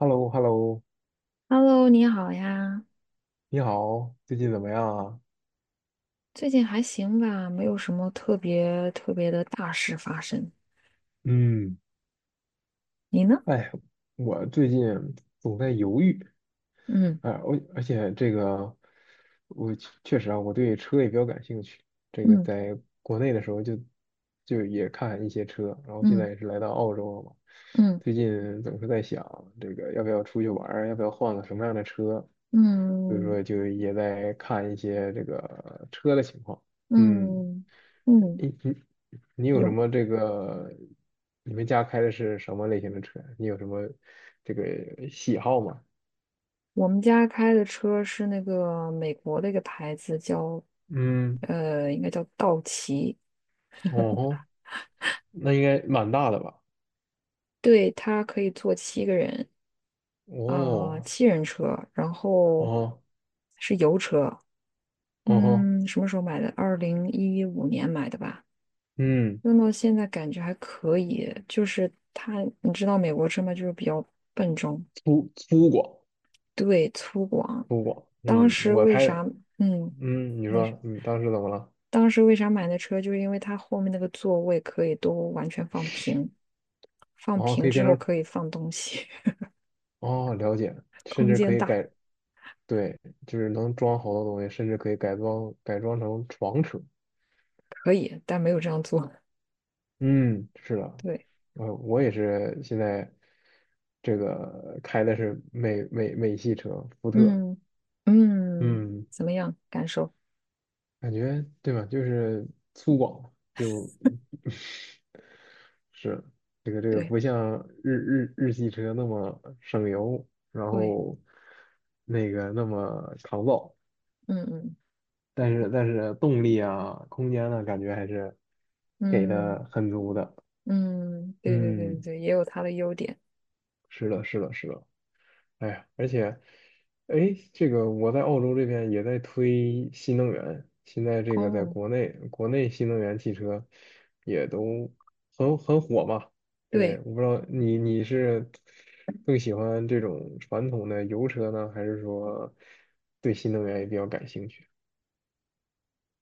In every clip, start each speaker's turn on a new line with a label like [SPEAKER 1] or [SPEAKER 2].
[SPEAKER 1] h e l l o h e l l o
[SPEAKER 2] Hello，你好呀，
[SPEAKER 1] 你好，最近怎么样啊？
[SPEAKER 2] 最近还行吧，没有什么特别特别的大事发生。
[SPEAKER 1] 嗯，
[SPEAKER 2] 你呢？
[SPEAKER 1] 哎，我最近总在犹豫。
[SPEAKER 2] 嗯
[SPEAKER 1] 哎，我而且这个，我确实啊，我对车也比较感兴趣。这个
[SPEAKER 2] 嗯
[SPEAKER 1] 在国内的时候就也看一些车，然后现在
[SPEAKER 2] 嗯
[SPEAKER 1] 也是来到澳洲了嘛。
[SPEAKER 2] 嗯
[SPEAKER 1] 最近总是在想这个要不要出去玩儿，要不要换个什么样的车，所以
[SPEAKER 2] 嗯
[SPEAKER 1] 说就也在看一些这个车的情况。嗯。
[SPEAKER 2] 嗯嗯，
[SPEAKER 1] 你你你有什
[SPEAKER 2] 有。
[SPEAKER 1] 么这个？你们家开的是什么类型的车？你有什么这个喜好吗？
[SPEAKER 2] 我们家开的车是那个美国的一个牌子，叫
[SPEAKER 1] 嗯，
[SPEAKER 2] 应该叫道奇。
[SPEAKER 1] 哦吼，那应该蛮大的吧？
[SPEAKER 2] 对，它可以坐7个人，啊、
[SPEAKER 1] 哦，
[SPEAKER 2] 七人车，然后
[SPEAKER 1] 哦，
[SPEAKER 2] 是油车。
[SPEAKER 1] 哦吼，
[SPEAKER 2] 嗯，什么时候买的？2015年买的吧。
[SPEAKER 1] 嗯，
[SPEAKER 2] 用到现在感觉还可以，就是它，你知道美国车吗？就是比较笨重，
[SPEAKER 1] 粗犷，
[SPEAKER 2] 对，粗犷。
[SPEAKER 1] 粗犷，
[SPEAKER 2] 当
[SPEAKER 1] 嗯，
[SPEAKER 2] 时
[SPEAKER 1] 我
[SPEAKER 2] 为
[SPEAKER 1] 开
[SPEAKER 2] 啥，嗯，
[SPEAKER 1] 嗯，你
[SPEAKER 2] 你是
[SPEAKER 1] 说，嗯，当时怎么了？
[SPEAKER 2] 当时为啥买那车？就是因为它后面那个座位可以都完全放平，放
[SPEAKER 1] 哦，可
[SPEAKER 2] 平
[SPEAKER 1] 以变
[SPEAKER 2] 之后
[SPEAKER 1] 成，
[SPEAKER 2] 可以放东西，
[SPEAKER 1] 哦，了解，甚
[SPEAKER 2] 空
[SPEAKER 1] 至可
[SPEAKER 2] 间
[SPEAKER 1] 以
[SPEAKER 2] 大，
[SPEAKER 1] 改，对，就是能装好多东西，甚至可以改装改装成床车，
[SPEAKER 2] 可以，但没有这样做。
[SPEAKER 1] 嗯，是的。
[SPEAKER 2] 对，
[SPEAKER 1] 呃，我也是现在这个开的是美系车，福特。
[SPEAKER 2] 嗯嗯，
[SPEAKER 1] 嗯，
[SPEAKER 2] 怎么样？感受？
[SPEAKER 1] 感觉对吧？就是粗犷，就是这个
[SPEAKER 2] 对
[SPEAKER 1] 不像日系车那么省油，然
[SPEAKER 2] 对，
[SPEAKER 1] 后那个那么抗造，
[SPEAKER 2] 嗯嗯
[SPEAKER 1] 但是动力啊、空间呢，感觉还是给
[SPEAKER 2] 嗯
[SPEAKER 1] 的很足的。
[SPEAKER 2] 嗯，对对对对
[SPEAKER 1] 嗯，
[SPEAKER 2] 对，也有它的优点。
[SPEAKER 1] 是的，是的，是的。哎呀，而且，哎，这个我在澳洲这边也在推新能源，现在这个在
[SPEAKER 2] 哦，
[SPEAKER 1] 国内，国内新能源汽车也都很火嘛。对，
[SPEAKER 2] 对，
[SPEAKER 1] 我不知道你是更喜欢这种传统的油车呢，还是说对新能源也比较感兴趣？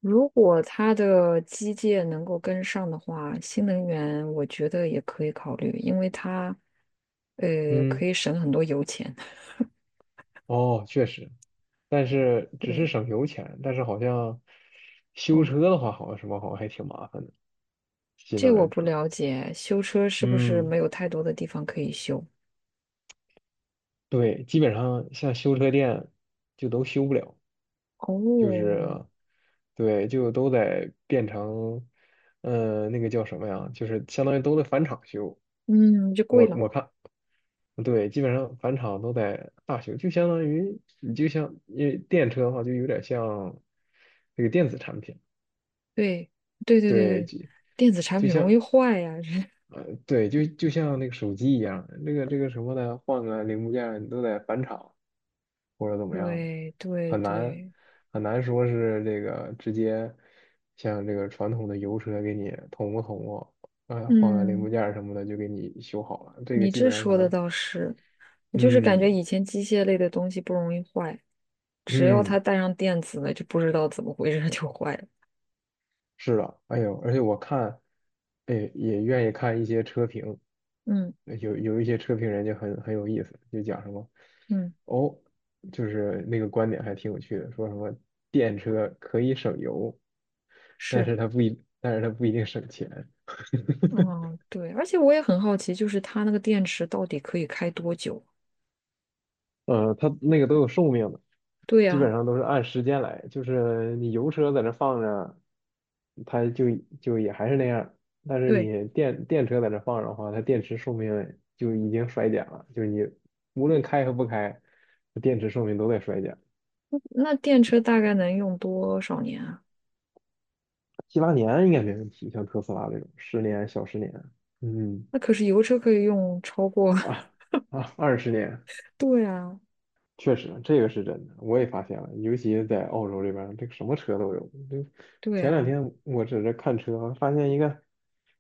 [SPEAKER 2] 如果它的机械能够跟上的话，新能源我觉得也可以考虑，因为它，
[SPEAKER 1] 嗯，
[SPEAKER 2] 可以省很多油钱。
[SPEAKER 1] 哦，确实，但是只是
[SPEAKER 2] 对，
[SPEAKER 1] 省油钱，但是好像修
[SPEAKER 2] 哦，
[SPEAKER 1] 车的话，好像什么好像还挺麻烦的，新
[SPEAKER 2] 这
[SPEAKER 1] 能
[SPEAKER 2] 我
[SPEAKER 1] 源
[SPEAKER 2] 不
[SPEAKER 1] 车。
[SPEAKER 2] 了解，修车是不是
[SPEAKER 1] 嗯。
[SPEAKER 2] 没有太多的地方可以修？
[SPEAKER 1] 对，基本上像修车店就都修不了，就
[SPEAKER 2] 哦，
[SPEAKER 1] 是对，就都得变成。呃，那个叫什么呀？就是相当于都得返厂修。
[SPEAKER 2] 嗯，就
[SPEAKER 1] 我
[SPEAKER 2] 贵了。
[SPEAKER 1] 我看，对，基本上返厂都得大修，就相当于你就像因为电车的话，就有点像那个电子产品。
[SPEAKER 2] 对，对对对
[SPEAKER 1] 对，
[SPEAKER 2] 对，
[SPEAKER 1] 就
[SPEAKER 2] 电子产
[SPEAKER 1] 就
[SPEAKER 2] 品容
[SPEAKER 1] 像
[SPEAKER 2] 易坏呀。
[SPEAKER 1] 呃，对，就像那个手机一样，那个这个什么的，换个零部件儿你都得返厂或者怎么样，
[SPEAKER 2] 对对
[SPEAKER 1] 很难
[SPEAKER 2] 对，
[SPEAKER 1] 很难说是这个直接像这个传统的油车给你捅咕捅咕。呃，换个零部
[SPEAKER 2] 嗯，
[SPEAKER 1] 件儿什么的就给你修好了，这个
[SPEAKER 2] 你
[SPEAKER 1] 基
[SPEAKER 2] 这
[SPEAKER 1] 本上可
[SPEAKER 2] 说的
[SPEAKER 1] 能，
[SPEAKER 2] 倒是，我就是感
[SPEAKER 1] 嗯
[SPEAKER 2] 觉以前机械类的东西不容易坏，只要它
[SPEAKER 1] 嗯。
[SPEAKER 2] 带上电子的，就不知道怎么回事它就坏了。
[SPEAKER 1] 是的，哎呦，而且我看，哎，也愿意看一些车评，
[SPEAKER 2] 嗯
[SPEAKER 1] 有一些车评人就很有意思，就讲什么，
[SPEAKER 2] 嗯，
[SPEAKER 1] 哦，就是那个观点还挺有趣的，说什么电车可以省油，但
[SPEAKER 2] 是，
[SPEAKER 1] 是它不一，但是它不一定省钱。
[SPEAKER 2] 嗯对，而且我也很好奇，就是它那个电池到底可以开多久？
[SPEAKER 1] 呃，它那个都有寿命的。
[SPEAKER 2] 对
[SPEAKER 1] 基本
[SPEAKER 2] 呀，
[SPEAKER 1] 上都是按时间来，就是你油车在那放着，它就就也还是那样，但是
[SPEAKER 2] 对，
[SPEAKER 1] 你电车在那放着的话，它电池寿命就已经衰减了，就是你无论开和不开，电池寿命都在衰减。
[SPEAKER 2] 那电车大概能用多少年啊？
[SPEAKER 1] 七八年应该没问题，像特斯拉这种十年小十年。嗯
[SPEAKER 2] 那可是油车可以用超过，
[SPEAKER 1] 啊20年，
[SPEAKER 2] 对啊，
[SPEAKER 1] 确实，这个是真的，我也发现了，尤其是在澳洲这边儿这个什么车都有。这
[SPEAKER 2] 对
[SPEAKER 1] 前两
[SPEAKER 2] 啊，
[SPEAKER 1] 天我在这看车，发现一个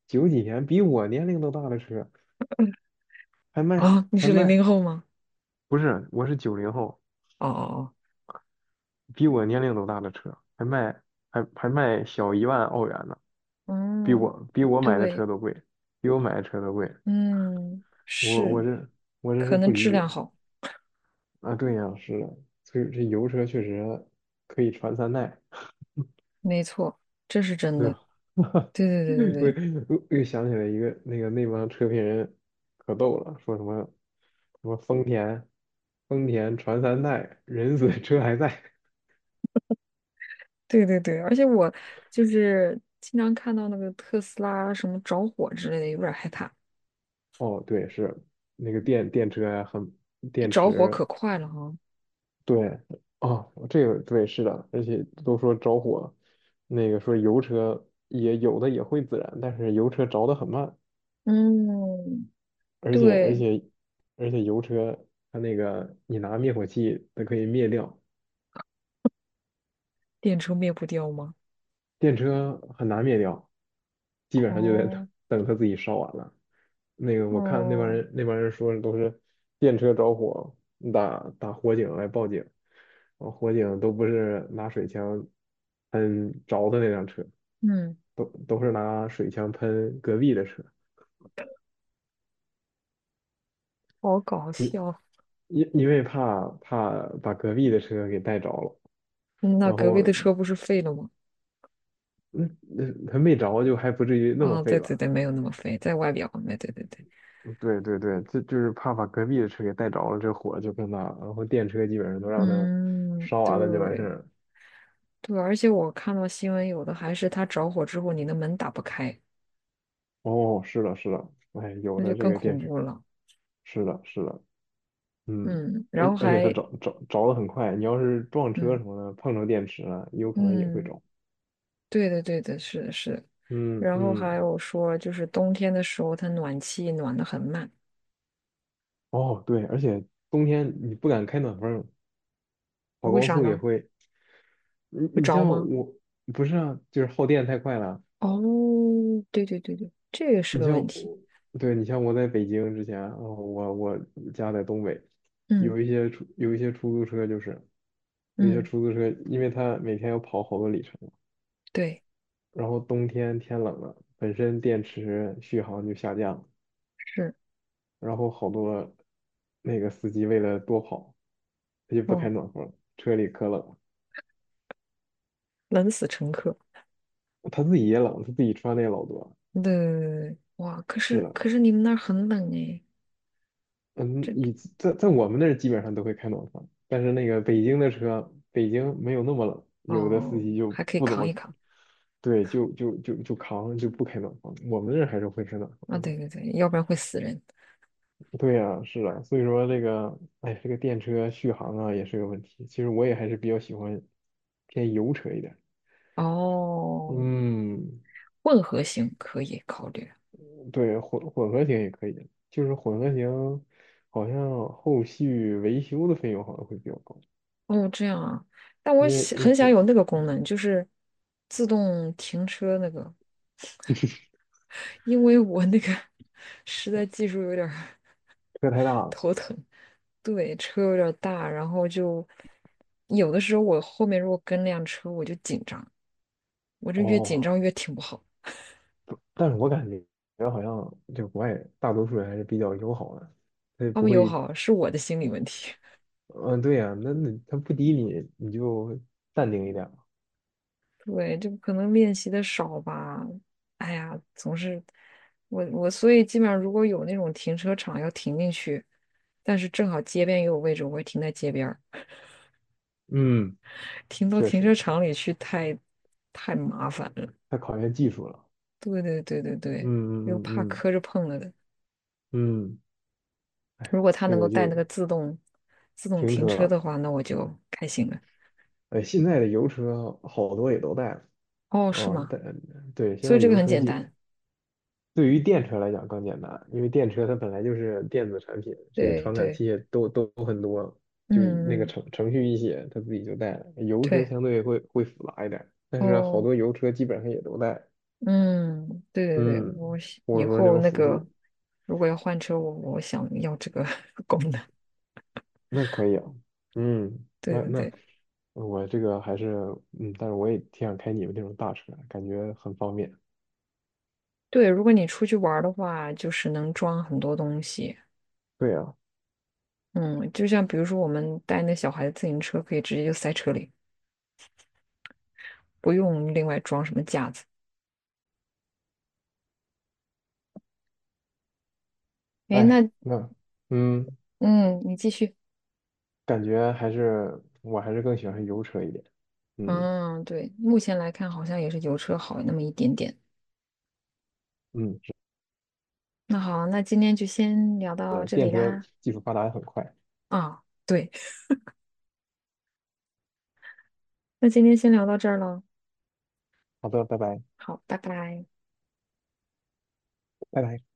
[SPEAKER 1] 九几年比我年龄都大的车，还卖
[SPEAKER 2] 啊，你
[SPEAKER 1] 还
[SPEAKER 2] 是零
[SPEAKER 1] 卖，
[SPEAKER 2] 零后吗？
[SPEAKER 1] 不是，我是90后。
[SPEAKER 2] 哦哦
[SPEAKER 1] 比我年龄都大的车，还卖还卖小1万澳元呢，
[SPEAKER 2] 哦，
[SPEAKER 1] 比
[SPEAKER 2] 嗯，
[SPEAKER 1] 我比我买的车
[SPEAKER 2] 对，
[SPEAKER 1] 都贵，比我买的车都贵。
[SPEAKER 2] 嗯，
[SPEAKER 1] 我我
[SPEAKER 2] 是，
[SPEAKER 1] 这我这是
[SPEAKER 2] 可
[SPEAKER 1] 不
[SPEAKER 2] 能
[SPEAKER 1] 理
[SPEAKER 2] 质
[SPEAKER 1] 解
[SPEAKER 2] 量好，
[SPEAKER 1] 啊，对呀，是的，所以这油车确实可以传三代。
[SPEAKER 2] 没错，这是真
[SPEAKER 1] 对
[SPEAKER 2] 的，
[SPEAKER 1] 吧？
[SPEAKER 2] 对对对对
[SPEAKER 1] 我
[SPEAKER 2] 对。
[SPEAKER 1] 我我又想起来一个那个那帮车评人可逗了，说什么什么丰田，丰田传三代，人死车还在。
[SPEAKER 2] 对对对，而且我就是经常看到那个特斯拉什么着火之类的，有点儿害怕。
[SPEAKER 1] 哦，对，是那个电车呀，很
[SPEAKER 2] 一
[SPEAKER 1] 电
[SPEAKER 2] 着火可
[SPEAKER 1] 池，
[SPEAKER 2] 快了哈。
[SPEAKER 1] 对，哦，这个对是的，而且都说着火，那个说油车也有的也会自燃，但是油车着得很慢，
[SPEAKER 2] 嗯，
[SPEAKER 1] 而且而
[SPEAKER 2] 对，
[SPEAKER 1] 且而且油车它那个你拿灭火器它可以灭掉，
[SPEAKER 2] 电车灭不掉吗？
[SPEAKER 1] 电车很难灭掉，基本上就得等
[SPEAKER 2] 哦
[SPEAKER 1] 等它自己烧完了。那个我看那帮
[SPEAKER 2] 哦，
[SPEAKER 1] 人那帮人说的都是电车着火，打火警来报警，然后火警都不是拿水枪喷着的那辆车，
[SPEAKER 2] 嗯，
[SPEAKER 1] 都是拿水枪喷隔壁的车，
[SPEAKER 2] 好搞
[SPEAKER 1] 因
[SPEAKER 2] 笑。嗯
[SPEAKER 1] 因为怕把隔壁的车给带着了，
[SPEAKER 2] 那
[SPEAKER 1] 然
[SPEAKER 2] 隔壁
[SPEAKER 1] 后
[SPEAKER 2] 的车不是废了吗？
[SPEAKER 1] 他没着就还不至于那么
[SPEAKER 2] 啊、
[SPEAKER 1] 废
[SPEAKER 2] 对对
[SPEAKER 1] 吧。
[SPEAKER 2] 对，没有那么废，在外表。对对对对，
[SPEAKER 1] 对对对，这就是怕把隔壁的车给带着了，这火就更大了。然后电车基本上都让它
[SPEAKER 2] 嗯，
[SPEAKER 1] 烧完了就完事
[SPEAKER 2] 对
[SPEAKER 1] 儿了。
[SPEAKER 2] 对，而且我看到新闻，有的还是它着火之后，你的门打不开，
[SPEAKER 1] 哦，是的，是的，哎，有
[SPEAKER 2] 那
[SPEAKER 1] 的
[SPEAKER 2] 就
[SPEAKER 1] 这
[SPEAKER 2] 更
[SPEAKER 1] 个电
[SPEAKER 2] 恐
[SPEAKER 1] 车，
[SPEAKER 2] 怖了。
[SPEAKER 1] 是的，是的，嗯，
[SPEAKER 2] 嗯，
[SPEAKER 1] 而
[SPEAKER 2] 然后
[SPEAKER 1] 而且它
[SPEAKER 2] 还
[SPEAKER 1] 着的很快，你要是撞车
[SPEAKER 2] 嗯
[SPEAKER 1] 什么的，碰着电池了，有可能也会
[SPEAKER 2] 嗯。
[SPEAKER 1] 着。
[SPEAKER 2] 对的，对的，是的，是的。
[SPEAKER 1] 嗯
[SPEAKER 2] 然后
[SPEAKER 1] 嗯，
[SPEAKER 2] 还有说，就是冬天的时候，它暖气暖得很慢，
[SPEAKER 1] 哦对，而且冬天你不敢开暖风，跑
[SPEAKER 2] 为
[SPEAKER 1] 高
[SPEAKER 2] 啥
[SPEAKER 1] 速也
[SPEAKER 2] 呢？
[SPEAKER 1] 会。你
[SPEAKER 2] 会
[SPEAKER 1] 你
[SPEAKER 2] 着
[SPEAKER 1] 像
[SPEAKER 2] 吗？
[SPEAKER 1] 我，不是啊，就是耗电太快了，
[SPEAKER 2] 哦，对对对对，这个是
[SPEAKER 1] 你
[SPEAKER 2] 个
[SPEAKER 1] 像
[SPEAKER 2] 问题。
[SPEAKER 1] 我，对你像我在北京之前，哦，我家在东北，
[SPEAKER 2] 嗯
[SPEAKER 1] 有一些出租车就是，有一些
[SPEAKER 2] 嗯，
[SPEAKER 1] 出租车，因为它每天要跑好多里程，
[SPEAKER 2] 对，
[SPEAKER 1] 然后冬天天冷了，本身电池续航就下降了，
[SPEAKER 2] 是，
[SPEAKER 1] 然后好多那个司机为了多跑，他就不开
[SPEAKER 2] 哦，
[SPEAKER 1] 暖风，车里可冷了，
[SPEAKER 2] 冷死乘客。
[SPEAKER 1] 他自己也冷，他自己穿的也老多。
[SPEAKER 2] 对，哇，可
[SPEAKER 1] 是
[SPEAKER 2] 是
[SPEAKER 1] 的，
[SPEAKER 2] 可是你们那儿很冷诶。
[SPEAKER 1] 嗯，你在我们那儿基本上都会开暖房，但是那个北京的车，北京没有那么冷，有的司
[SPEAKER 2] 哦，
[SPEAKER 1] 机就
[SPEAKER 2] 还可以
[SPEAKER 1] 不怎
[SPEAKER 2] 扛一
[SPEAKER 1] 么，
[SPEAKER 2] 扛
[SPEAKER 1] 对，就扛就不开暖房，我们那儿还是会开暖房的。
[SPEAKER 2] 啊，对对对，要不然会死人。
[SPEAKER 1] 对呀，是啊，所以说这个，哎，这个电车续航啊也是个问题。其实我也还是比较喜欢偏油车一点。
[SPEAKER 2] 哦，
[SPEAKER 1] 嗯，
[SPEAKER 2] 混合型可以考虑。
[SPEAKER 1] 对，混合型也可以，就是混合型好像后续维修的费用好像会比较高，
[SPEAKER 2] 哦，这样啊，但我
[SPEAKER 1] 因为
[SPEAKER 2] 想
[SPEAKER 1] 因
[SPEAKER 2] 很想
[SPEAKER 1] 为
[SPEAKER 2] 有那个功能，就是自动停车那个，因为我那个 实在技术有点儿
[SPEAKER 1] 车太大 了。
[SPEAKER 2] 头疼，对，车有点儿大，然后就有的时候我后面如果跟辆车，我就紧张，我这越紧
[SPEAKER 1] 哦，
[SPEAKER 2] 张越停不好，
[SPEAKER 1] 但是我感觉好像就国外大多数人还是比较友好的，他也
[SPEAKER 2] 他
[SPEAKER 1] 不
[SPEAKER 2] 们友
[SPEAKER 1] 会，
[SPEAKER 2] 好是我的心理问题。
[SPEAKER 1] 嗯，对呀、那他不滴你，你就淡定一点嘛。
[SPEAKER 2] 对，这可能练习的少吧。哎呀，总是所以基本上如果有那种停车场要停进去，但是正好街边也有位置，我会停在街边儿，
[SPEAKER 1] 嗯，
[SPEAKER 2] 停到
[SPEAKER 1] 确
[SPEAKER 2] 停
[SPEAKER 1] 实，
[SPEAKER 2] 车场里去太麻烦了。
[SPEAKER 1] 太考验技术了。
[SPEAKER 2] 对对对对
[SPEAKER 1] 嗯
[SPEAKER 2] 对，又
[SPEAKER 1] 嗯
[SPEAKER 2] 怕
[SPEAKER 1] 嗯
[SPEAKER 2] 磕着碰了的。
[SPEAKER 1] 嗯，嗯，哎，
[SPEAKER 2] 如果它
[SPEAKER 1] 这
[SPEAKER 2] 能够
[SPEAKER 1] 个
[SPEAKER 2] 带
[SPEAKER 1] 就
[SPEAKER 2] 那个自动
[SPEAKER 1] 停
[SPEAKER 2] 停车
[SPEAKER 1] 车，
[SPEAKER 2] 的话，那我就开心了。
[SPEAKER 1] 哎，现在的油车好多也都带了。
[SPEAKER 2] 哦，是
[SPEAKER 1] 哦，
[SPEAKER 2] 吗？
[SPEAKER 1] 但对，现
[SPEAKER 2] 所以
[SPEAKER 1] 在
[SPEAKER 2] 这个
[SPEAKER 1] 油
[SPEAKER 2] 很
[SPEAKER 1] 车
[SPEAKER 2] 简
[SPEAKER 1] 基本。
[SPEAKER 2] 单。
[SPEAKER 1] 对于电车来讲更简单，因为电车它本来就是电子产品，这些
[SPEAKER 2] 对
[SPEAKER 1] 传感
[SPEAKER 2] 对，
[SPEAKER 1] 器也都很多，就那个
[SPEAKER 2] 嗯嗯，
[SPEAKER 1] 程序一写，它自己就带了。油车
[SPEAKER 2] 对
[SPEAKER 1] 相对会复杂一点，但是好
[SPEAKER 2] 哦。
[SPEAKER 1] 多油车基本上也都带，
[SPEAKER 2] 嗯，对对对，
[SPEAKER 1] 嗯，
[SPEAKER 2] 我是
[SPEAKER 1] 或
[SPEAKER 2] 以
[SPEAKER 1] 者说那
[SPEAKER 2] 后
[SPEAKER 1] 种
[SPEAKER 2] 那
[SPEAKER 1] 辅
[SPEAKER 2] 个
[SPEAKER 1] 助，
[SPEAKER 2] 如果要换车，我想要这个 功能。
[SPEAKER 1] 那可以啊，嗯，
[SPEAKER 2] 对
[SPEAKER 1] 那
[SPEAKER 2] 对
[SPEAKER 1] 那
[SPEAKER 2] 对
[SPEAKER 1] 我这个还是，嗯，但是我也挺想开你们那种大车，感觉很方便。
[SPEAKER 2] 对，如果你出去玩儿的话，就是能装很多东西。
[SPEAKER 1] 对啊，
[SPEAKER 2] 嗯，就像比如说我们带那小孩的自行车，可以直接就塞车里，不用另外装什么架子。诶，
[SPEAKER 1] 哎，
[SPEAKER 2] 那
[SPEAKER 1] 那嗯，
[SPEAKER 2] 嗯，你继续。
[SPEAKER 1] 感觉还是我还是更喜欢油车一点，嗯。
[SPEAKER 2] 嗯，对，目前来看好像也是油车好那么一点点。
[SPEAKER 1] 嗯。
[SPEAKER 2] 那好，那今天就先聊到
[SPEAKER 1] 呃，
[SPEAKER 2] 这
[SPEAKER 1] 电
[SPEAKER 2] 里
[SPEAKER 1] 车
[SPEAKER 2] 啦。
[SPEAKER 1] 技术发达的很快。
[SPEAKER 2] 啊，对，那今天先聊到这儿了。
[SPEAKER 1] 好的，拜拜，
[SPEAKER 2] 好，拜拜。
[SPEAKER 1] 拜拜。